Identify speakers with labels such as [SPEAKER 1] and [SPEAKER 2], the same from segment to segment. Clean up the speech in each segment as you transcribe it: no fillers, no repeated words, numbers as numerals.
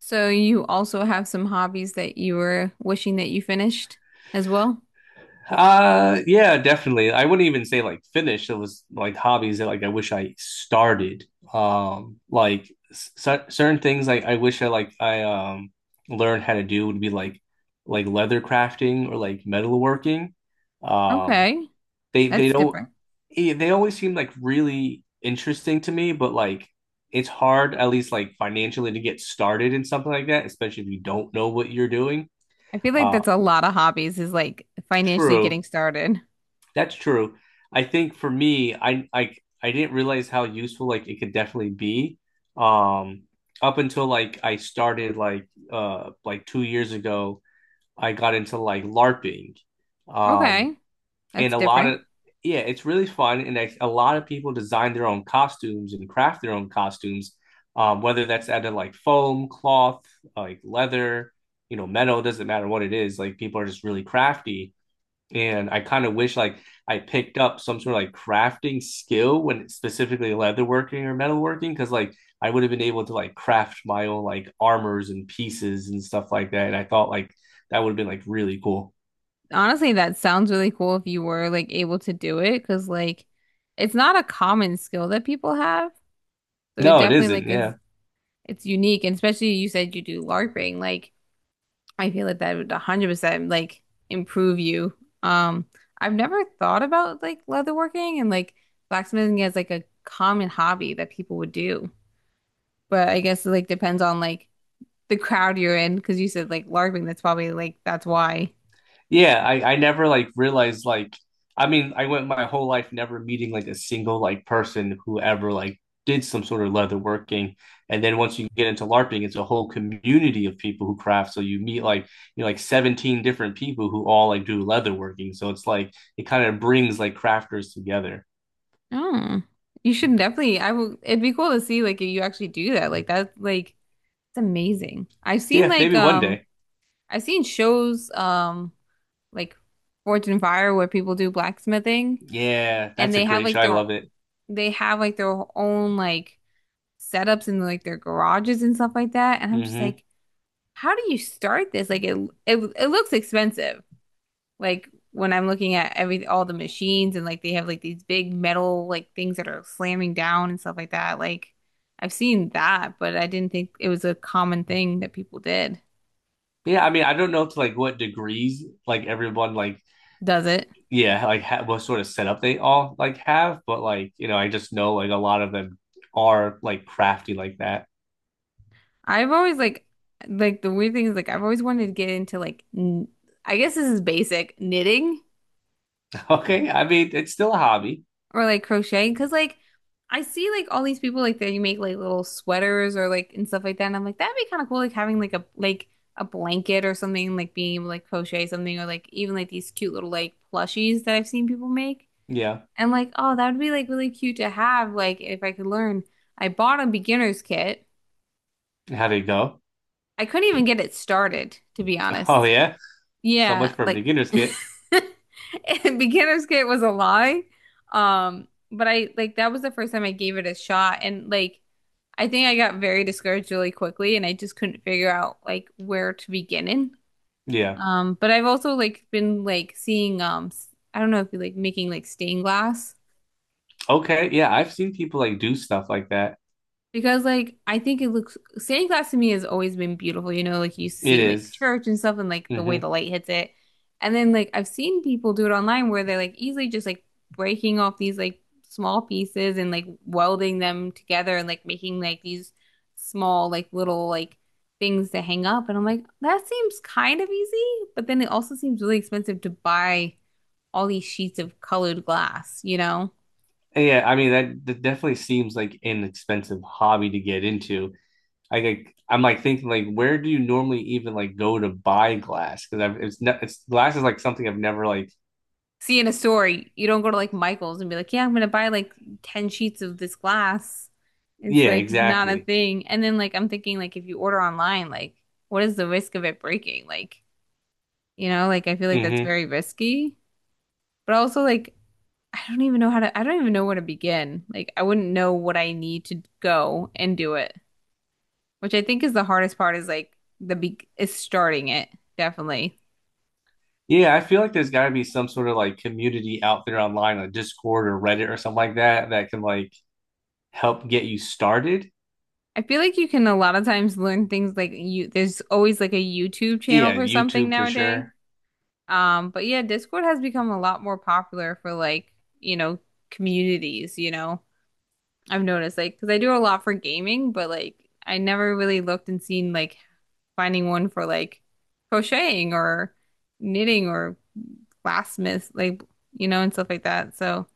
[SPEAKER 1] So you also have some hobbies that you were wishing that you finished as well?
[SPEAKER 2] Yeah, definitely. I wouldn't even say like finished. It was like hobbies that like I wish I started. Like c certain things like I wish I learned how to do would be like leather crafting or like metalworking. Um,
[SPEAKER 1] Okay,
[SPEAKER 2] they
[SPEAKER 1] that's
[SPEAKER 2] don't
[SPEAKER 1] different.
[SPEAKER 2] eh, They always seem like really interesting to me, but like it's hard at least like financially to get started in something like that, especially if you don't know what you're doing.
[SPEAKER 1] I feel like
[SPEAKER 2] Uh,
[SPEAKER 1] that's a lot of hobbies, is like financially
[SPEAKER 2] True.
[SPEAKER 1] getting started.
[SPEAKER 2] That's true. I think for me, I didn't realize how useful like it could definitely be. Um, up until like I started like 2 years ago, I got into like LARPing. Um,
[SPEAKER 1] Okay,
[SPEAKER 2] and
[SPEAKER 1] that's
[SPEAKER 2] a lot
[SPEAKER 1] different.
[SPEAKER 2] of Yeah, it's really fun, and a lot of people design their own costumes and craft their own costumes. Whether that's out of like foam, cloth, like leather, metal, doesn't matter what it is. Like people are just really crafty and I kind of wish like I picked up some sort of like crafting skill when specifically leatherworking or metalworking because like I would have been able to like craft my own like armors and pieces and stuff like that. And I thought like that would have been like really cool.
[SPEAKER 1] Honestly, that sounds really cool if you were like able to do it, because like it's not a common skill that people have. So it
[SPEAKER 2] No, it
[SPEAKER 1] definitely
[SPEAKER 2] isn't.
[SPEAKER 1] like is
[SPEAKER 2] Yeah.
[SPEAKER 1] it's unique, and especially you said you do LARPing. Like I feel like that would 100% like improve you. Um, I've never thought about like leatherworking and like blacksmithing as like a common hobby that people would do. But I guess it like depends on like the crowd you're in, because you said like LARPing, that's probably like that's why.
[SPEAKER 2] Yeah, I never like realized like I mean I went my whole life never meeting like a single like person who ever like did some sort of leather working. And then once you get into LARPing, it's a whole community of people who craft. So you meet like 17 different people who all like do leather working. So it's like it kind of brings like crafters together.
[SPEAKER 1] Oh, you should definitely. I will. It'd be cool to see like if you actually do that. Like that's like it's amazing.
[SPEAKER 2] Yeah, maybe one day.
[SPEAKER 1] I've seen shows, like Forge and Fire, where people do blacksmithing,
[SPEAKER 2] Yeah,
[SPEAKER 1] and
[SPEAKER 2] that's a great show. I love it.
[SPEAKER 1] they have like their own like setups in like their garages and stuff like that. And I'm just
[SPEAKER 2] Hmm.
[SPEAKER 1] like, how do you start this? Like it looks expensive. Like when I'm looking at every all the machines and like they have like these big metal like things that are slamming down and stuff like that. Like I've seen that, but I didn't think it was a common thing that people did.
[SPEAKER 2] Yeah, I mean, I don't know to like what degrees like everyone like,
[SPEAKER 1] Does it?
[SPEAKER 2] yeah, like ha what sort of setup they all like have, but like, I just know like a lot of them are like crafty like that.
[SPEAKER 1] I've always like the weird thing is like I've always wanted to get into, like, I guess this is basic knitting,
[SPEAKER 2] Okay, I mean it's still a hobby.
[SPEAKER 1] or like crochet, because like I see like all these people like that you make like little sweaters or like and stuff like that, and I'm like that'd be kind of cool, like having like a blanket or something, like being able to like crochet something, or like even like these cute little like plushies that I've seen people make,
[SPEAKER 2] Yeah,
[SPEAKER 1] and like, oh, that would be like really cute to have, like if I could learn. I bought a beginner's kit.
[SPEAKER 2] how would it go?
[SPEAKER 1] I couldn't even get it started, to be honest.
[SPEAKER 2] Oh yeah, so much
[SPEAKER 1] Yeah,
[SPEAKER 2] for a
[SPEAKER 1] like.
[SPEAKER 2] beginner's kit.
[SPEAKER 1] Beginner's kit was a lie. But I like, that was the first time I gave it a shot, and like I think I got very discouraged really quickly, and I just couldn't figure out like where to begin in.
[SPEAKER 2] Yeah,
[SPEAKER 1] But I've also like been like seeing, I don't know if you like making like stained glass.
[SPEAKER 2] okay, yeah, I've seen people like do stuff like that.
[SPEAKER 1] Because like I think, it looks stained glass to me has always been
[SPEAKER 2] It
[SPEAKER 1] beautiful, you know, like you used to see in, like,
[SPEAKER 2] is.
[SPEAKER 1] church and stuff, and like the way
[SPEAKER 2] Mm-hmm.
[SPEAKER 1] the light hits it. And then like I've seen people do it online, where they're like easily just like breaking off these like small pieces and like welding them together and like making like these small like little like things to hang up. And I'm like, that seems kind of easy, but then it also seems really expensive to buy all these sheets of colored glass, you know?
[SPEAKER 2] Yeah, I mean that definitely seems like an expensive hobby to get into. I'm like thinking like where do you normally even like go to buy glass? Because I've it's ne it's glass is like something I've never like.
[SPEAKER 1] See, in a store, you don't go to like Michael's and be like, yeah, I'm gonna buy like 10 sheets of this glass. It's
[SPEAKER 2] Yeah,
[SPEAKER 1] like not a
[SPEAKER 2] exactly.
[SPEAKER 1] thing. And then like I'm thinking, like if you order online, like what is the risk of it breaking? Like, you know, like I feel like that's
[SPEAKER 2] Hmm.
[SPEAKER 1] very risky. But also like, I don't even know where to begin. Like I wouldn't know what I need to go and do it, which I think is the hardest part, is like the be is starting it, definitely.
[SPEAKER 2] Yeah, I feel like there's got to be some sort of like community out there online, like Discord or Reddit or something like that, that can like help get you started.
[SPEAKER 1] I feel like you can a lot of times learn things, like you there's always like a YouTube channel
[SPEAKER 2] Yeah,
[SPEAKER 1] for something
[SPEAKER 2] YouTube for
[SPEAKER 1] nowadays.
[SPEAKER 2] sure.
[SPEAKER 1] But yeah, Discord has become a lot more popular for, like, you know, communities, you know. I've noticed, like, because I do a lot for gaming, but like I never really looked and seen like finding one for like crocheting or knitting or glassmith, like, you know, and stuff like that. So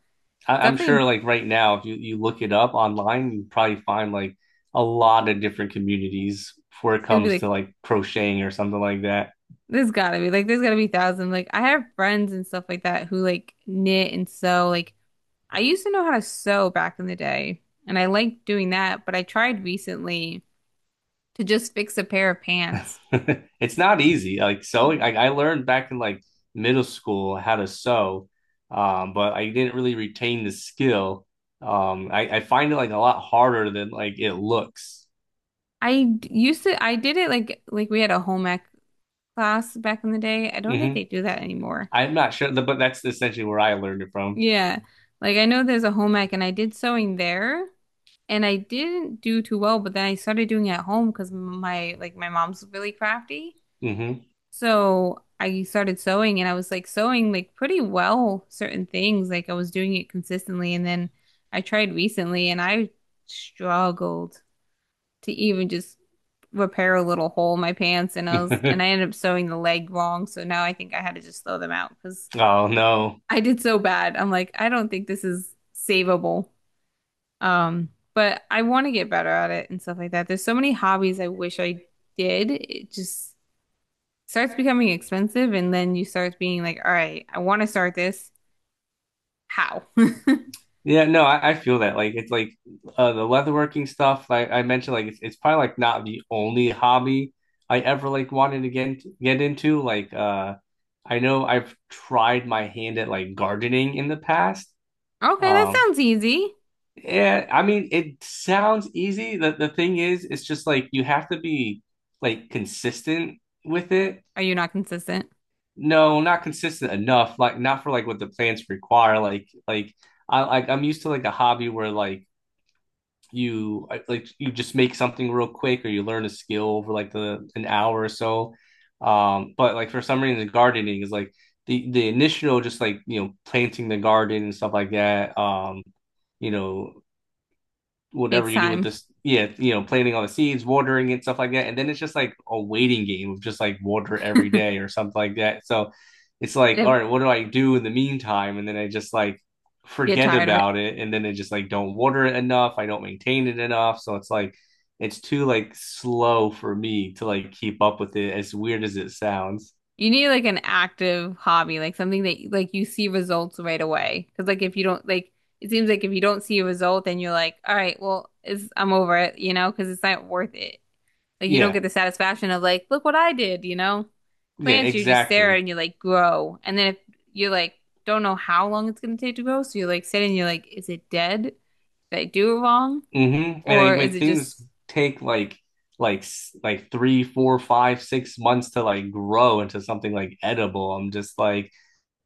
[SPEAKER 2] I'm
[SPEAKER 1] definitely, it's
[SPEAKER 2] sure like right now, if you look it up online, you probably find like a lot of different communities before it
[SPEAKER 1] gonna be
[SPEAKER 2] comes
[SPEAKER 1] like
[SPEAKER 2] to like crocheting or something like that.
[SPEAKER 1] there's gotta be thousands. Like I have friends and stuff like that who like knit and sew. Like I used to know how to sew back in the day, and I liked doing that, but I tried recently to just fix a pair of pants.
[SPEAKER 2] It's not easy. Like sewing, I learned back in like middle school how to sew, but I didn't really retain the skill. I find it like a lot harder than like it looks.
[SPEAKER 1] Used to, I did it, like we had a home ec class back in the day. I don't think
[SPEAKER 2] Hmm.
[SPEAKER 1] they do that anymore.
[SPEAKER 2] I'm not sure, but that's essentially where I learned it from.
[SPEAKER 1] Yeah. Like I know there's a home ec, and I did sewing there, and I didn't do too well, but then I started doing it at home, because my mom's really crafty.
[SPEAKER 2] Hmm.
[SPEAKER 1] So I started sewing, and I was like sewing like pretty well certain things. Like I was doing it consistently, and then I tried recently and I struggled to even just repair a little hole in my pants, and I ended up sewing the leg wrong. So now I think I had to just throw them out, because
[SPEAKER 2] Oh no.
[SPEAKER 1] I did so bad. I'm like, I don't think this is savable. But I want to get better at it and stuff like that. There's so many hobbies I wish I did. It just starts becoming expensive, and then you start being like, all right, I want to start this. How?
[SPEAKER 2] Yeah, no, I feel that. Like it's like the leatherworking stuff, like I mentioned, like it's probably like not the only hobby I ever like wanted to get into. Like I know I've tried my hand at like gardening in the past.
[SPEAKER 1] Okay, that
[SPEAKER 2] Um
[SPEAKER 1] sounds easy.
[SPEAKER 2] yeah, I mean it sounds easy. The thing is it's just like you have to be like consistent with it.
[SPEAKER 1] Are you not consistent?
[SPEAKER 2] No, not consistent enough, like not for like what the plants require. Like I'm used to like a hobby where like you just make something real quick or you learn a skill over like the an hour or so but like for some reason gardening is like the initial just like planting the garden and stuff like that you know
[SPEAKER 1] Takes
[SPEAKER 2] whatever you do with
[SPEAKER 1] time.
[SPEAKER 2] this, yeah, planting all the seeds, watering it, stuff like that. And then it's just like a waiting game of just like water every
[SPEAKER 1] If
[SPEAKER 2] day or something like that. So it's like, all right, what do I do in the meantime? And then I just like
[SPEAKER 1] Get
[SPEAKER 2] forget
[SPEAKER 1] tired of it.
[SPEAKER 2] about it. And then I just like don't water it enough. I don't maintain it enough. So it's like, it's too like slow for me to like keep up with it, as weird as it sounds.
[SPEAKER 1] You need like an active hobby, like something that like you see results right away. Because like, if you don't, like, it seems like if you don't see a result, then you're like, all right, well, I'm over it, you know, because it's not worth it. Like you don't
[SPEAKER 2] Yeah.
[SPEAKER 1] get the satisfaction of, like, look what I did, you know?
[SPEAKER 2] Yeah,
[SPEAKER 1] Plants, you just stare there
[SPEAKER 2] exactly.
[SPEAKER 1] and you like grow. And then if you're like, don't know how long it's gonna take to grow, so you're like sitting, and you're like, is it dead? Did I do it wrong?
[SPEAKER 2] Mm-hmm. And
[SPEAKER 1] Or
[SPEAKER 2] like,
[SPEAKER 1] is
[SPEAKER 2] when
[SPEAKER 1] it
[SPEAKER 2] things
[SPEAKER 1] just.
[SPEAKER 2] take like 3, 4, 5, 6 months to like grow into something like edible, I'm just like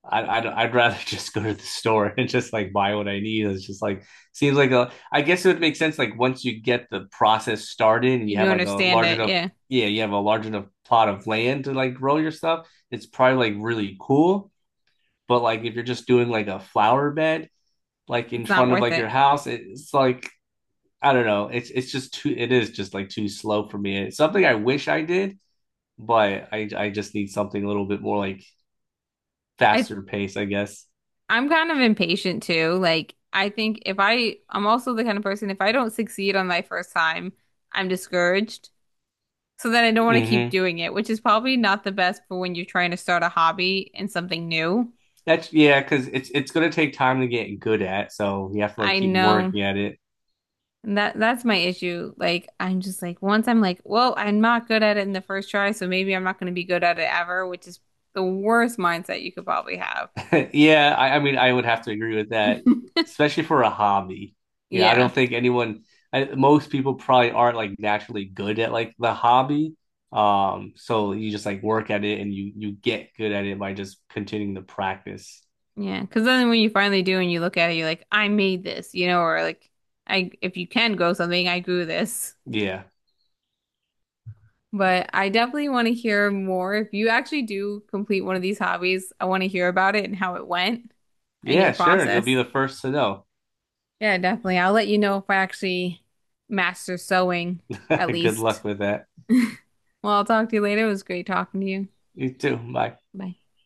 [SPEAKER 2] I'd rather just go to the store and just like buy what I need. It's just like seems like a I guess it would make sense like once you get the process started and you
[SPEAKER 1] And you
[SPEAKER 2] have like a
[SPEAKER 1] understand
[SPEAKER 2] large
[SPEAKER 1] it,
[SPEAKER 2] enough
[SPEAKER 1] yeah,
[SPEAKER 2] yeah, you have a large enough plot of land to like grow your stuff. It's probably like really cool, but like if you're just doing like a flower bed like in
[SPEAKER 1] it's not
[SPEAKER 2] front of
[SPEAKER 1] worth
[SPEAKER 2] like
[SPEAKER 1] it.
[SPEAKER 2] your house, it's like I don't know. It's just too. It is just like too slow for me. It's something I wish I did, but I just need something a little bit more like
[SPEAKER 1] I
[SPEAKER 2] faster pace, I guess.
[SPEAKER 1] I'm kind of impatient too. Like I think, if I I'm also the kind of person, if I don't succeed on my first time, I'm discouraged. So then I don't want to
[SPEAKER 2] Mm-hmm.
[SPEAKER 1] keep doing it, which is probably not the best for when you're trying to start a hobby and something new.
[SPEAKER 2] That's Yeah, because it's gonna take time to get good at, so you have to like
[SPEAKER 1] I
[SPEAKER 2] keep
[SPEAKER 1] know.
[SPEAKER 2] working at it.
[SPEAKER 1] And that's my issue. Like I'm just like, once I'm like, well, I'm not good at it in the first try, so maybe I'm not going to be good at it ever, which is the worst mindset you could probably have.
[SPEAKER 2] Yeah, I mean, I would have to agree with that, especially for a hobby. Yeah, I
[SPEAKER 1] Yeah.
[SPEAKER 2] don't think anyone, most people probably aren't like naturally good at like the hobby. So you just like work at it and you get good at it by just continuing to practice.
[SPEAKER 1] Yeah. Because then when you finally do and you look at it, you're like, I made this, you know, or like, I if you can grow something, I grew this.
[SPEAKER 2] Yeah.
[SPEAKER 1] But I definitely want to hear more. If you actually do complete one of these hobbies, I want to hear about it and how it went and your
[SPEAKER 2] Yeah, sure. You'll be
[SPEAKER 1] process.
[SPEAKER 2] the first to know.
[SPEAKER 1] Yeah, definitely. I'll let you know if I actually master sewing, at
[SPEAKER 2] Good
[SPEAKER 1] least.
[SPEAKER 2] luck with that.
[SPEAKER 1] Well, I'll talk to you later. It was great talking to you.
[SPEAKER 2] You too. Bye.
[SPEAKER 1] Bye.